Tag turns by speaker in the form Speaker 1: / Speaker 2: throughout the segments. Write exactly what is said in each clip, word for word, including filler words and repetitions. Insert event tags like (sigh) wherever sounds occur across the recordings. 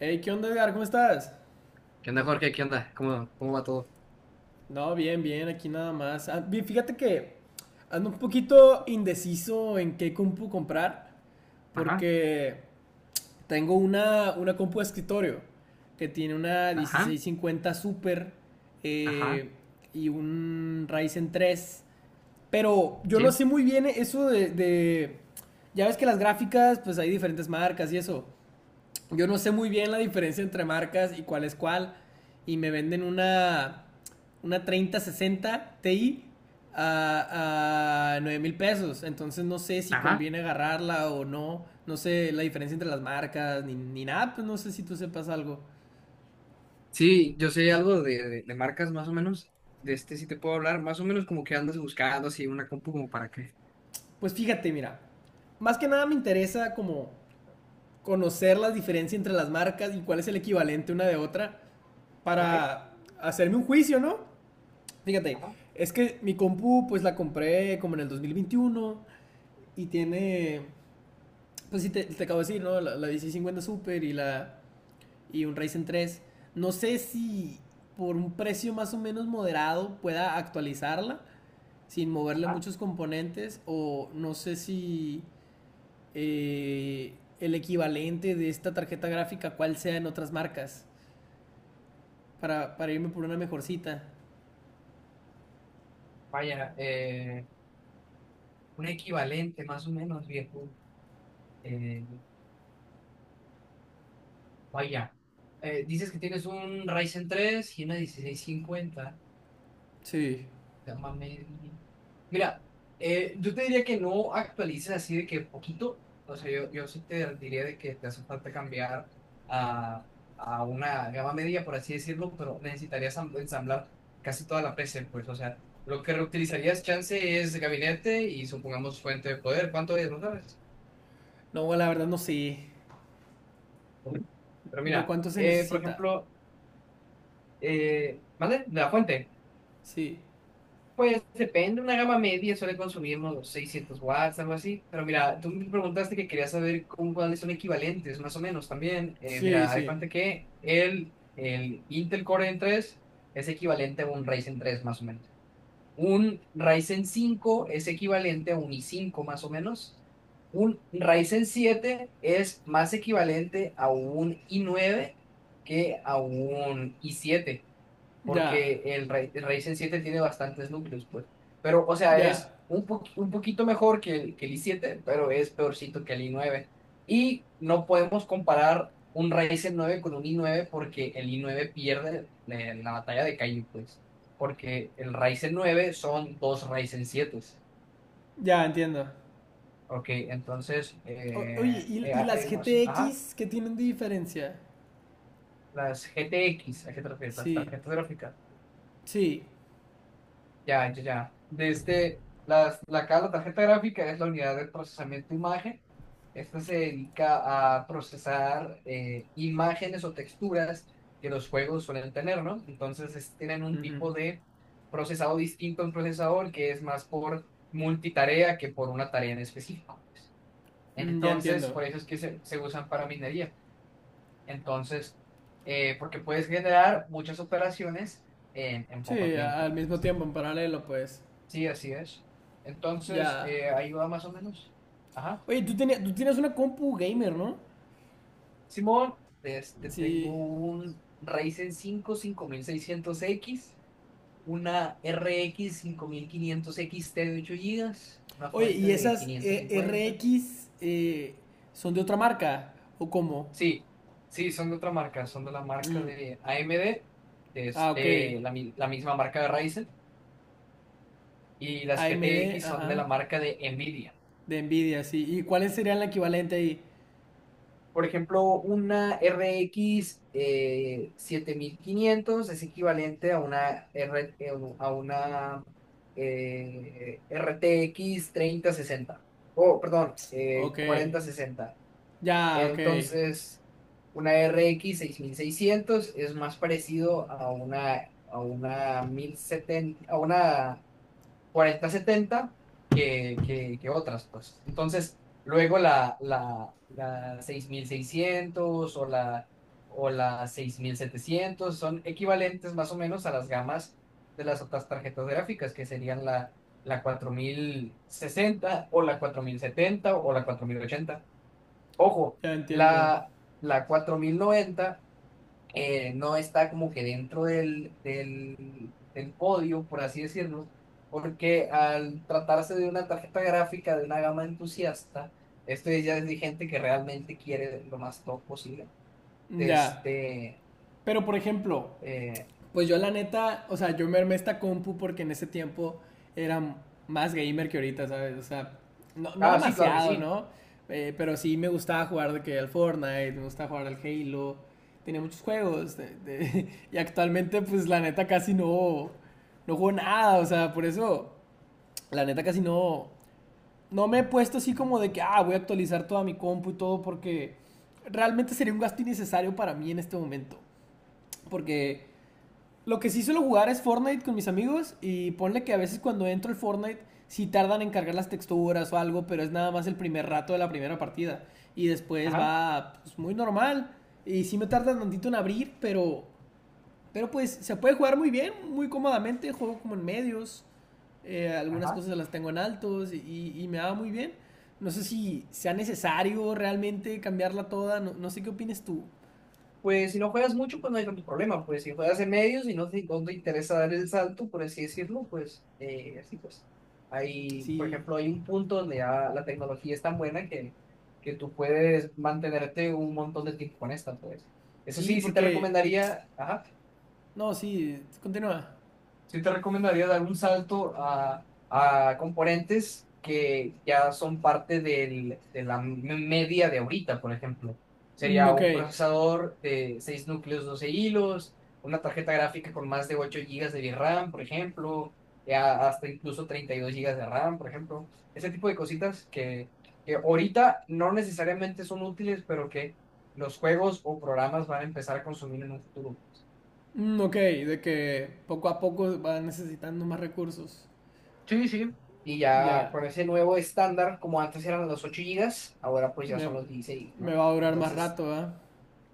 Speaker 1: Hey, ¿qué onda, Edgar? ¿Cómo estás?
Speaker 2: ¿Qué onda, Jorge? ¿Qué onda? ¿Cómo, cómo va todo?
Speaker 1: No, bien, bien, aquí nada más. Ah, vi- Fíjate que ando un poquito indeciso en qué compu comprar,
Speaker 2: Ajá,
Speaker 1: porque tengo una, una compu de escritorio que tiene una
Speaker 2: ajá,
Speaker 1: dieciséis cincuenta Super
Speaker 2: ajá,
Speaker 1: eh, y un Ryzen tres. Pero yo no
Speaker 2: sí,
Speaker 1: sé muy bien eso de, de- Ya ves que las gráficas, pues hay diferentes marcas y eso. Yo no sé muy bien la diferencia entre marcas y cuál es cuál. Y me venden una, una treinta sesenta Ti a, a nueve mil pesos. Entonces no sé si
Speaker 2: ajá.
Speaker 1: conviene agarrarla o no. No sé la diferencia entre las marcas ni, ni nada. Pues no sé si tú sepas algo.
Speaker 2: Sí, yo sé algo de, de, de marcas más o menos. De este sí te puedo hablar, más o menos como que andas buscando así una compu como para qué.
Speaker 1: Pues fíjate, mira. Más que nada me interesa como conocer la diferencia entre las marcas y cuál es el equivalente una de otra
Speaker 2: Ok,
Speaker 1: para hacerme un juicio, ¿no? Fíjate,
Speaker 2: ajá,
Speaker 1: es que mi compu, pues la compré como en el dos mil veintiuno y tiene, pues sí, te, te acabo de decir, ¿no? La, la dieciséis cincuenta Super y, la, y un Ryzen tres. No sé si por un precio más o menos moderado pueda actualizarla sin moverle
Speaker 2: ajá.
Speaker 1: muchos componentes o no sé si eh, el equivalente de esta tarjeta gráfica cuál sea en otras marcas para, para irme por una mejorcita.
Speaker 2: Vaya, eh, un equivalente más o menos, viejo. Eh, vaya, eh, dices que tienes un Ryzen tres y una dieciséis cincuenta.
Speaker 1: Sí.
Speaker 2: Gama media. Mira, eh, yo te diría que no actualices así de que poquito. O sea, yo, yo sí te diría de que te hace falta cambiar a, a una gama media, por así decirlo, pero necesitarías ensam- ensamblar casi toda la P C, pues. O sea, lo que reutilizarías chance es gabinete y supongamos fuente de poder. ¿Cuánto es? ¿No sabes?
Speaker 1: No, la verdad no sé
Speaker 2: Pero
Speaker 1: de
Speaker 2: mira,
Speaker 1: cuánto se
Speaker 2: eh, por
Speaker 1: necesita.
Speaker 2: ejemplo, eh, ¿vale? La fuente.
Speaker 1: Sí,
Speaker 2: Pues depende, una gama media suele consumir unos seiscientos watts, algo así. Pero mira, tú me preguntaste que querías saber con cuáles son equivalentes, más o menos también. Eh,
Speaker 1: sí,
Speaker 2: mira, haz de
Speaker 1: sí.
Speaker 2: cuenta que el, el Intel Core N tres es equivalente a un Ryzen tres, más o menos. Un Ryzen cinco es equivalente a un i cinco, más o menos. Un Ryzen siete es más equivalente a un i nueve que a un i siete
Speaker 1: Ya,
Speaker 2: porque el, Ra- el Ryzen siete tiene bastantes núcleos, pues. Pero, o sea,
Speaker 1: ya,
Speaker 2: es un, po- un poquito mejor que el, que el i siete, pero es peorcito que el i nueve. Y no podemos comparar un Ryzen nueve con un i nueve porque el i nueve pierde, eh, la batalla de Kaizen, pues. Porque el Ryzen nueve son dos Ryzen siete.
Speaker 1: ya entiendo.
Speaker 2: Ok, entonces,
Speaker 1: O- oye,
Speaker 2: eh,
Speaker 1: ¿y,
Speaker 2: eh,
Speaker 1: y las
Speaker 2: hay
Speaker 1: G
Speaker 2: más.
Speaker 1: T
Speaker 2: Ajá,
Speaker 1: X qué tienen de diferencia?
Speaker 2: las G T X, ¿a qué te refieres? Las
Speaker 1: Sí,
Speaker 2: tarjetas gráficas.
Speaker 1: sí.
Speaker 2: Ya, ya, ya. Desde las, la, ca- la tarjeta gráfica es la unidad de procesamiento de imagen. Esta se dedica a procesar, eh, imágenes o texturas que los juegos suelen tener, ¿no? Entonces es- tienen un
Speaker 1: Ujú,
Speaker 2: tipo de procesado distinto a un procesador que es más por multitarea que por una tarea en específico.
Speaker 1: mm, ya
Speaker 2: Entonces,
Speaker 1: entiendo.
Speaker 2: por eso es que se, se usan para minería. Entonces, eh, porque puedes generar muchas operaciones en en
Speaker 1: Sí,
Speaker 2: poco
Speaker 1: a- al
Speaker 2: tiempo.
Speaker 1: mismo tiempo, en paralelo, pues.
Speaker 2: Sí, así es. Entonces,
Speaker 1: Ya.
Speaker 2: eh, ahí va más o menos. Ajá.
Speaker 1: Oye, tú, tenías- tú tienes una compu gamer, ¿no?
Speaker 2: Simón, este,
Speaker 1: Sí.
Speaker 2: tengo un Ryzen cinco cinco mil seiscientos equis, una R X cinco mil quinientos equis te de ocho gigas, una
Speaker 1: Oye,
Speaker 2: fuente
Speaker 1: ¿y
Speaker 2: de
Speaker 1: esas
Speaker 2: quinientos
Speaker 1: eh, R
Speaker 2: cincuenta.
Speaker 1: X eh, son de otra marca? ¿O cómo?
Speaker 2: Sí, sí, son de otra marca, son de la marca
Speaker 1: Mm,
Speaker 2: de A M D, de
Speaker 1: ah, ok.
Speaker 2: este, la, mi- la misma marca de Ryzen, y
Speaker 1: A
Speaker 2: las
Speaker 1: M D
Speaker 2: G T X son
Speaker 1: ajá.
Speaker 2: de la marca de Nvidia.
Speaker 1: De Nvidia, sí. ¿Y cuál sería el equivalente ahí?
Speaker 2: Por ejemplo, una r RX, eh, siete mil quinientos es equivalente a una, R, eh, a una eh, R T X treinta sesenta. Oh, perdón, eh,
Speaker 1: Ok,
Speaker 2: cuarenta sesenta.
Speaker 1: ya, ok,
Speaker 2: Entonces, una r x seis mil seiscientos es más parecido a una, a una mil setenta, a una cuarenta setenta que, que, que otras, pues. Entonces, luego la, la, la seis mil seiscientos o la, o la seis mil setecientos son equivalentes más o menos a las gamas de las otras tarjetas gráficas, que serían la, la cuarenta sesenta o la cuarenta setenta o la cuarenta ochenta. Ojo,
Speaker 1: ya entiendo.
Speaker 2: la, la cuarenta noventa, eh, no está como que dentro del del del podio, por así decirlo, porque al tratarse de una tarjeta gráfica de una gama entusiasta, esto ya es de gente que realmente quiere lo más top posible.
Speaker 1: Ya,
Speaker 2: Este,
Speaker 1: pero por ejemplo,
Speaker 2: eh,
Speaker 1: pues yo la neta, o sea, yo me armé esta compu porque en ese tiempo era m- más gamer que ahorita, ¿sabes? O sea, no, no
Speaker 2: ah, sí, claro que
Speaker 1: demasiado,
Speaker 2: sí.
Speaker 1: ¿no? Eh, pero sí me gustaba jugar de que al Fortnite, me gustaba jugar al Halo, tenía muchos juegos de- de- (laughs) y actualmente pues la neta casi no, no juego nada, o sea, por eso la neta casi no, no me he puesto así como de que, ah, voy a actualizar toda mi compu y todo porque realmente sería un gasto innecesario para mí en este momento. Porque lo que sí suelo jugar es Fortnite con mis amigos y ponle que a veces cuando entro el Fortnite sí tardan en cargar las texturas o algo, pero es nada más el primer
Speaker 2: Ah,
Speaker 1: rato de la primera partida. Y después
Speaker 2: ajá,
Speaker 1: va pues, muy normal. Y sí me tarda tantito en abrir, pero pero pues se puede jugar muy bien, muy cómodamente. Juego como en medios. Eh, algunas
Speaker 2: ajá.
Speaker 1: cosas las tengo en altos y, y- me va muy bien. No sé si sea necesario realmente cambiarla toda. No, no sé qué opines tú.
Speaker 2: Pues si no juegas mucho, pues no hay tanto problema. Pues si juegas en medios y no te, no te interesa dar el salto, por así decirlo, pues eh, así pues. Hay, por
Speaker 1: Sí,
Speaker 2: ejemplo, hay un punto donde ya la tecnología es tan buena que, que tú puedes mantenerte un montón de tiempo con esta, pues. Eso
Speaker 1: sí,
Speaker 2: sí, sí te
Speaker 1: porque...
Speaker 2: recomendaría, ajá,
Speaker 1: No, sí, continúa.
Speaker 2: sí te recomendaría dar un salto a, a componentes que ya son parte del- de la me- media de ahorita, por ejemplo.
Speaker 1: Mm,
Speaker 2: Sería
Speaker 1: ok.
Speaker 2: un procesador de seis núcleos, doce hilos, una tarjeta gráfica con más de ocho gigas de VRAM, por ejemplo, ya hasta incluso treinta y dos gigas de RAM, por ejemplo. Ese tipo de cositas que, que ahorita no necesariamente son útiles, pero que los juegos o programas van a empezar a consumir en un futuro.
Speaker 1: Mm, ok, de que poco a poco va necesitando más recursos.
Speaker 2: Sí, sí. Y ya
Speaker 1: Ya.
Speaker 2: con ese nuevo estándar, como antes eran los ocho gigas, ahora pues ya
Speaker 1: Me,
Speaker 2: son los dieciséis,
Speaker 1: me
Speaker 2: ¿no?
Speaker 1: va a durar más
Speaker 2: Entonces,
Speaker 1: rato, ¿verdad?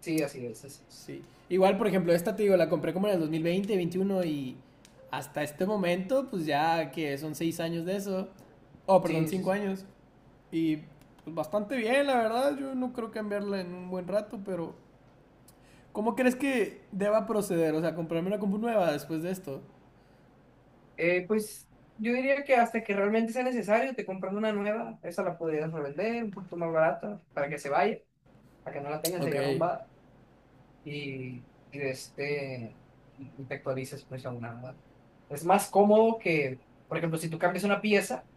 Speaker 2: sí, así es, así es.
Speaker 1: Sí. Igual, por ejemplo, esta te digo, la compré como en el dos mil veinte, veintiuno y hasta este momento, pues ya que son seis años de eso. Oh, perdón,
Speaker 2: Sí, sí,
Speaker 1: cinco
Speaker 2: sí.
Speaker 1: años. Y pues bastante bien, la verdad. Yo no creo cambiarla en un buen rato, pero ¿cómo crees que deba proceder? O sea, comprarme una compu nueva después de esto.
Speaker 2: Eh, pues yo diría que hasta que realmente sea necesario, te compras una nueva, esa la podrías revender un poquito más barata para que se vaya, para que no la tengas
Speaker 1: Ok,
Speaker 2: ahí arrumbada y, y, este, y te actualices pues a una nueva. Es más cómodo que, por ejemplo, si tú cambias una pieza,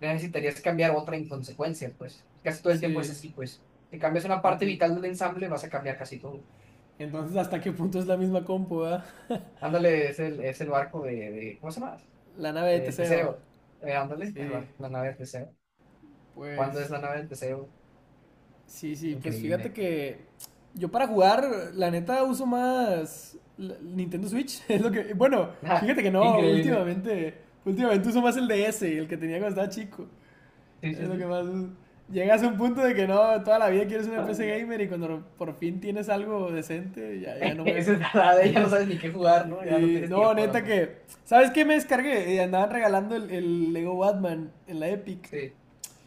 Speaker 2: necesitarías cambiar otra en consecuencia, pues. Casi todo el tiempo es
Speaker 1: sí.
Speaker 2: así, pues. Si cambias una parte
Speaker 1: Enton-
Speaker 2: vital del ensamble, vas a cambiar casi todo.
Speaker 1: Entonces, ¿hasta qué punto es la misma compu, ah?
Speaker 2: Ándale, es el, es el barco de, de- ¿cómo se llama?
Speaker 1: La nave de
Speaker 2: Del
Speaker 1: Teseo.
Speaker 2: Teseo. Eh, ándale, el
Speaker 1: Sí,
Speaker 2: barco, la nave del Teseo. ¿Cuándo es
Speaker 1: pues
Speaker 2: la nave del Teseo?
Speaker 1: sí, sí, pues
Speaker 2: Increíble.
Speaker 1: fíjate
Speaker 2: (laughs)
Speaker 1: que yo para jugar, la neta, uso más la- Nintendo Switch. (laughs) Es lo que, bueno,
Speaker 2: Ah,
Speaker 1: fíjate que no,
Speaker 2: increíble.
Speaker 1: últimamente, últimamente uso más el D S, el que tenía cuando estaba chico.
Speaker 2: Sí,
Speaker 1: Es
Speaker 2: sí,
Speaker 1: lo que
Speaker 2: sí.
Speaker 1: más uso. Llegas a un punto de que no, toda la vida quieres una P C
Speaker 2: (laughs)
Speaker 1: gamer y cuando por fin tienes algo decente, ya, ya no
Speaker 2: Esa
Speaker 1: juegas.
Speaker 2: es la de ya no sabes ni qué
Speaker 1: (laughs)
Speaker 2: jugar, ¿no? Ya no
Speaker 1: Eh,
Speaker 2: tienes
Speaker 1: no,
Speaker 2: tiempo
Speaker 1: neta
Speaker 2: tampoco.
Speaker 1: que, ¿sabes qué me descargué? Eh, andaban regalando el, el Lego Batman en la Epic.
Speaker 2: Sí.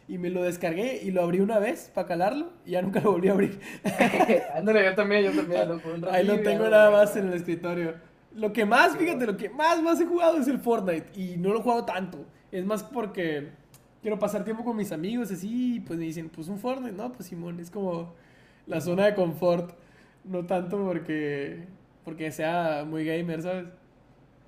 Speaker 1: Y me lo descargué y lo abrí una vez para calarlo y ya nunca lo volví a abrir.
Speaker 2: (laughs) Ándale, yo también, yo
Speaker 1: (laughs)
Speaker 2: también, lo jugué un
Speaker 1: Ahí lo
Speaker 2: ratillo y ya no
Speaker 1: tengo
Speaker 2: lo volví
Speaker 1: nada
Speaker 2: a
Speaker 1: más en el
Speaker 2: jugar.
Speaker 1: escritorio. Lo que más, fíjate,
Speaker 2: Simón,
Speaker 1: lo que más más he jugado es el Fortnite y no lo he jugado tanto. Es más porque quiero pasar tiempo con mis amigos así y pues me dicen, pues un Fortnite, no, pues Simón, es como la zona
Speaker 2: Simón.
Speaker 1: de confort. No tanto porque, porque sea muy gamer, ¿sabes?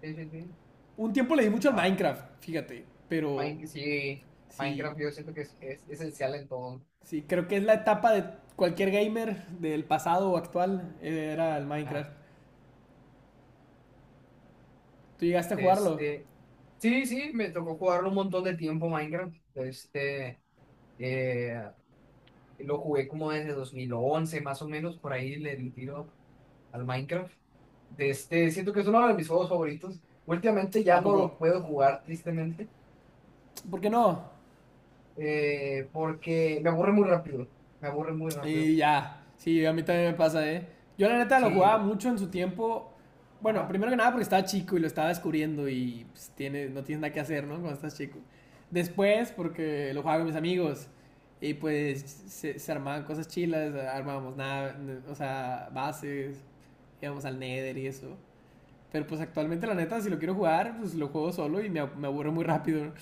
Speaker 2: Sí, sí, sí.
Speaker 1: Un tiempo le di mucho al Minecraft, fíjate, pero
Speaker 2: Mine- sí,
Speaker 1: sí,
Speaker 2: Minecraft yo siento que es, es esencial en todo.
Speaker 1: sí, creo que es la etapa de cualquier gamer del pasado o actual, eh, era el
Speaker 2: Ajá.
Speaker 1: Minecraft. ¿Tú llegaste a jugarlo?
Speaker 2: Este, sí, sí, me tocó jugarlo un montón de tiempo Minecraft. Este, eh, lo jugué como desde dos mil once más o menos, por ahí le di tiro al Minecraft. De este, siento que es uno de mis juegos favoritos. Últimamente ya
Speaker 1: ¿A
Speaker 2: no
Speaker 1: poco?
Speaker 2: lo puedo jugar, tristemente,
Speaker 1: ¿Por qué no?
Speaker 2: eh, porque me aburre muy rápido. Me aburre muy rápido.
Speaker 1: Y ya, sí, a mí también me pasa, ¿eh? Yo la neta lo
Speaker 2: Sí,
Speaker 1: jugaba
Speaker 2: no-
Speaker 1: mucho en su tiempo. Bueno,
Speaker 2: ajá.
Speaker 1: primero que nada porque estaba chico y lo estaba descubriendo y pues, tiene, no tienes nada que hacer, ¿no? Cuando estás chico. Después porque lo jugaba con mis amigos y pues se, se armaban cosas chilas, armábamos nada, o sea, bases, íbamos al Nether y eso. Pero pues actualmente, la neta, si lo quiero jugar, pues lo juego solo y me, me aburro muy rápido. ¿No?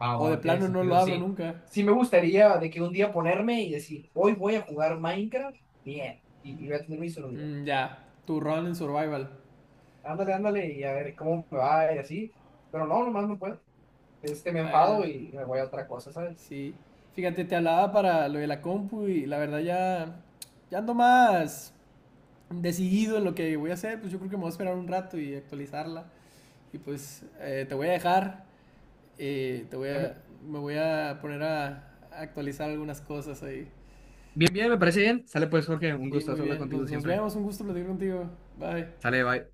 Speaker 2: Va,
Speaker 1: O de
Speaker 2: va, tiene
Speaker 1: plano no lo
Speaker 2: sentido,
Speaker 1: abro
Speaker 2: sí.
Speaker 1: nunca.
Speaker 2: Sí me gustaría de que un día ponerme y decir, hoy voy a jugar Minecraft, bien, y, y voy a tener mi celular.
Speaker 1: Mm, ya, tu rol en Survival.
Speaker 2: Ándale, ándale, y a ver cómo me va y así. Pero no, nomás no puedo. Este, me
Speaker 1: Bueno,
Speaker 2: enfado y me voy a otra cosa, ¿sabes?
Speaker 1: sí. Fíjate, te hablaba para lo de la compu y la verdad ya, ya ando más decidido en lo que voy a hacer. Pues yo creo que me voy a esperar un rato y actualizarla. Y pues eh, te voy a dejar. Eh, te voy
Speaker 2: Me-
Speaker 1: a, me voy a poner a, a actualizar algunas cosas ahí.
Speaker 2: Bien, bien, me parece bien. Sale pues, Jorge, un
Speaker 1: Sí,
Speaker 2: gusto
Speaker 1: muy
Speaker 2: hablar
Speaker 1: bien.
Speaker 2: contigo
Speaker 1: Nos, nos
Speaker 2: siempre.
Speaker 1: vemos. Un gusto platicar contigo. Bye.
Speaker 2: Sale, bye.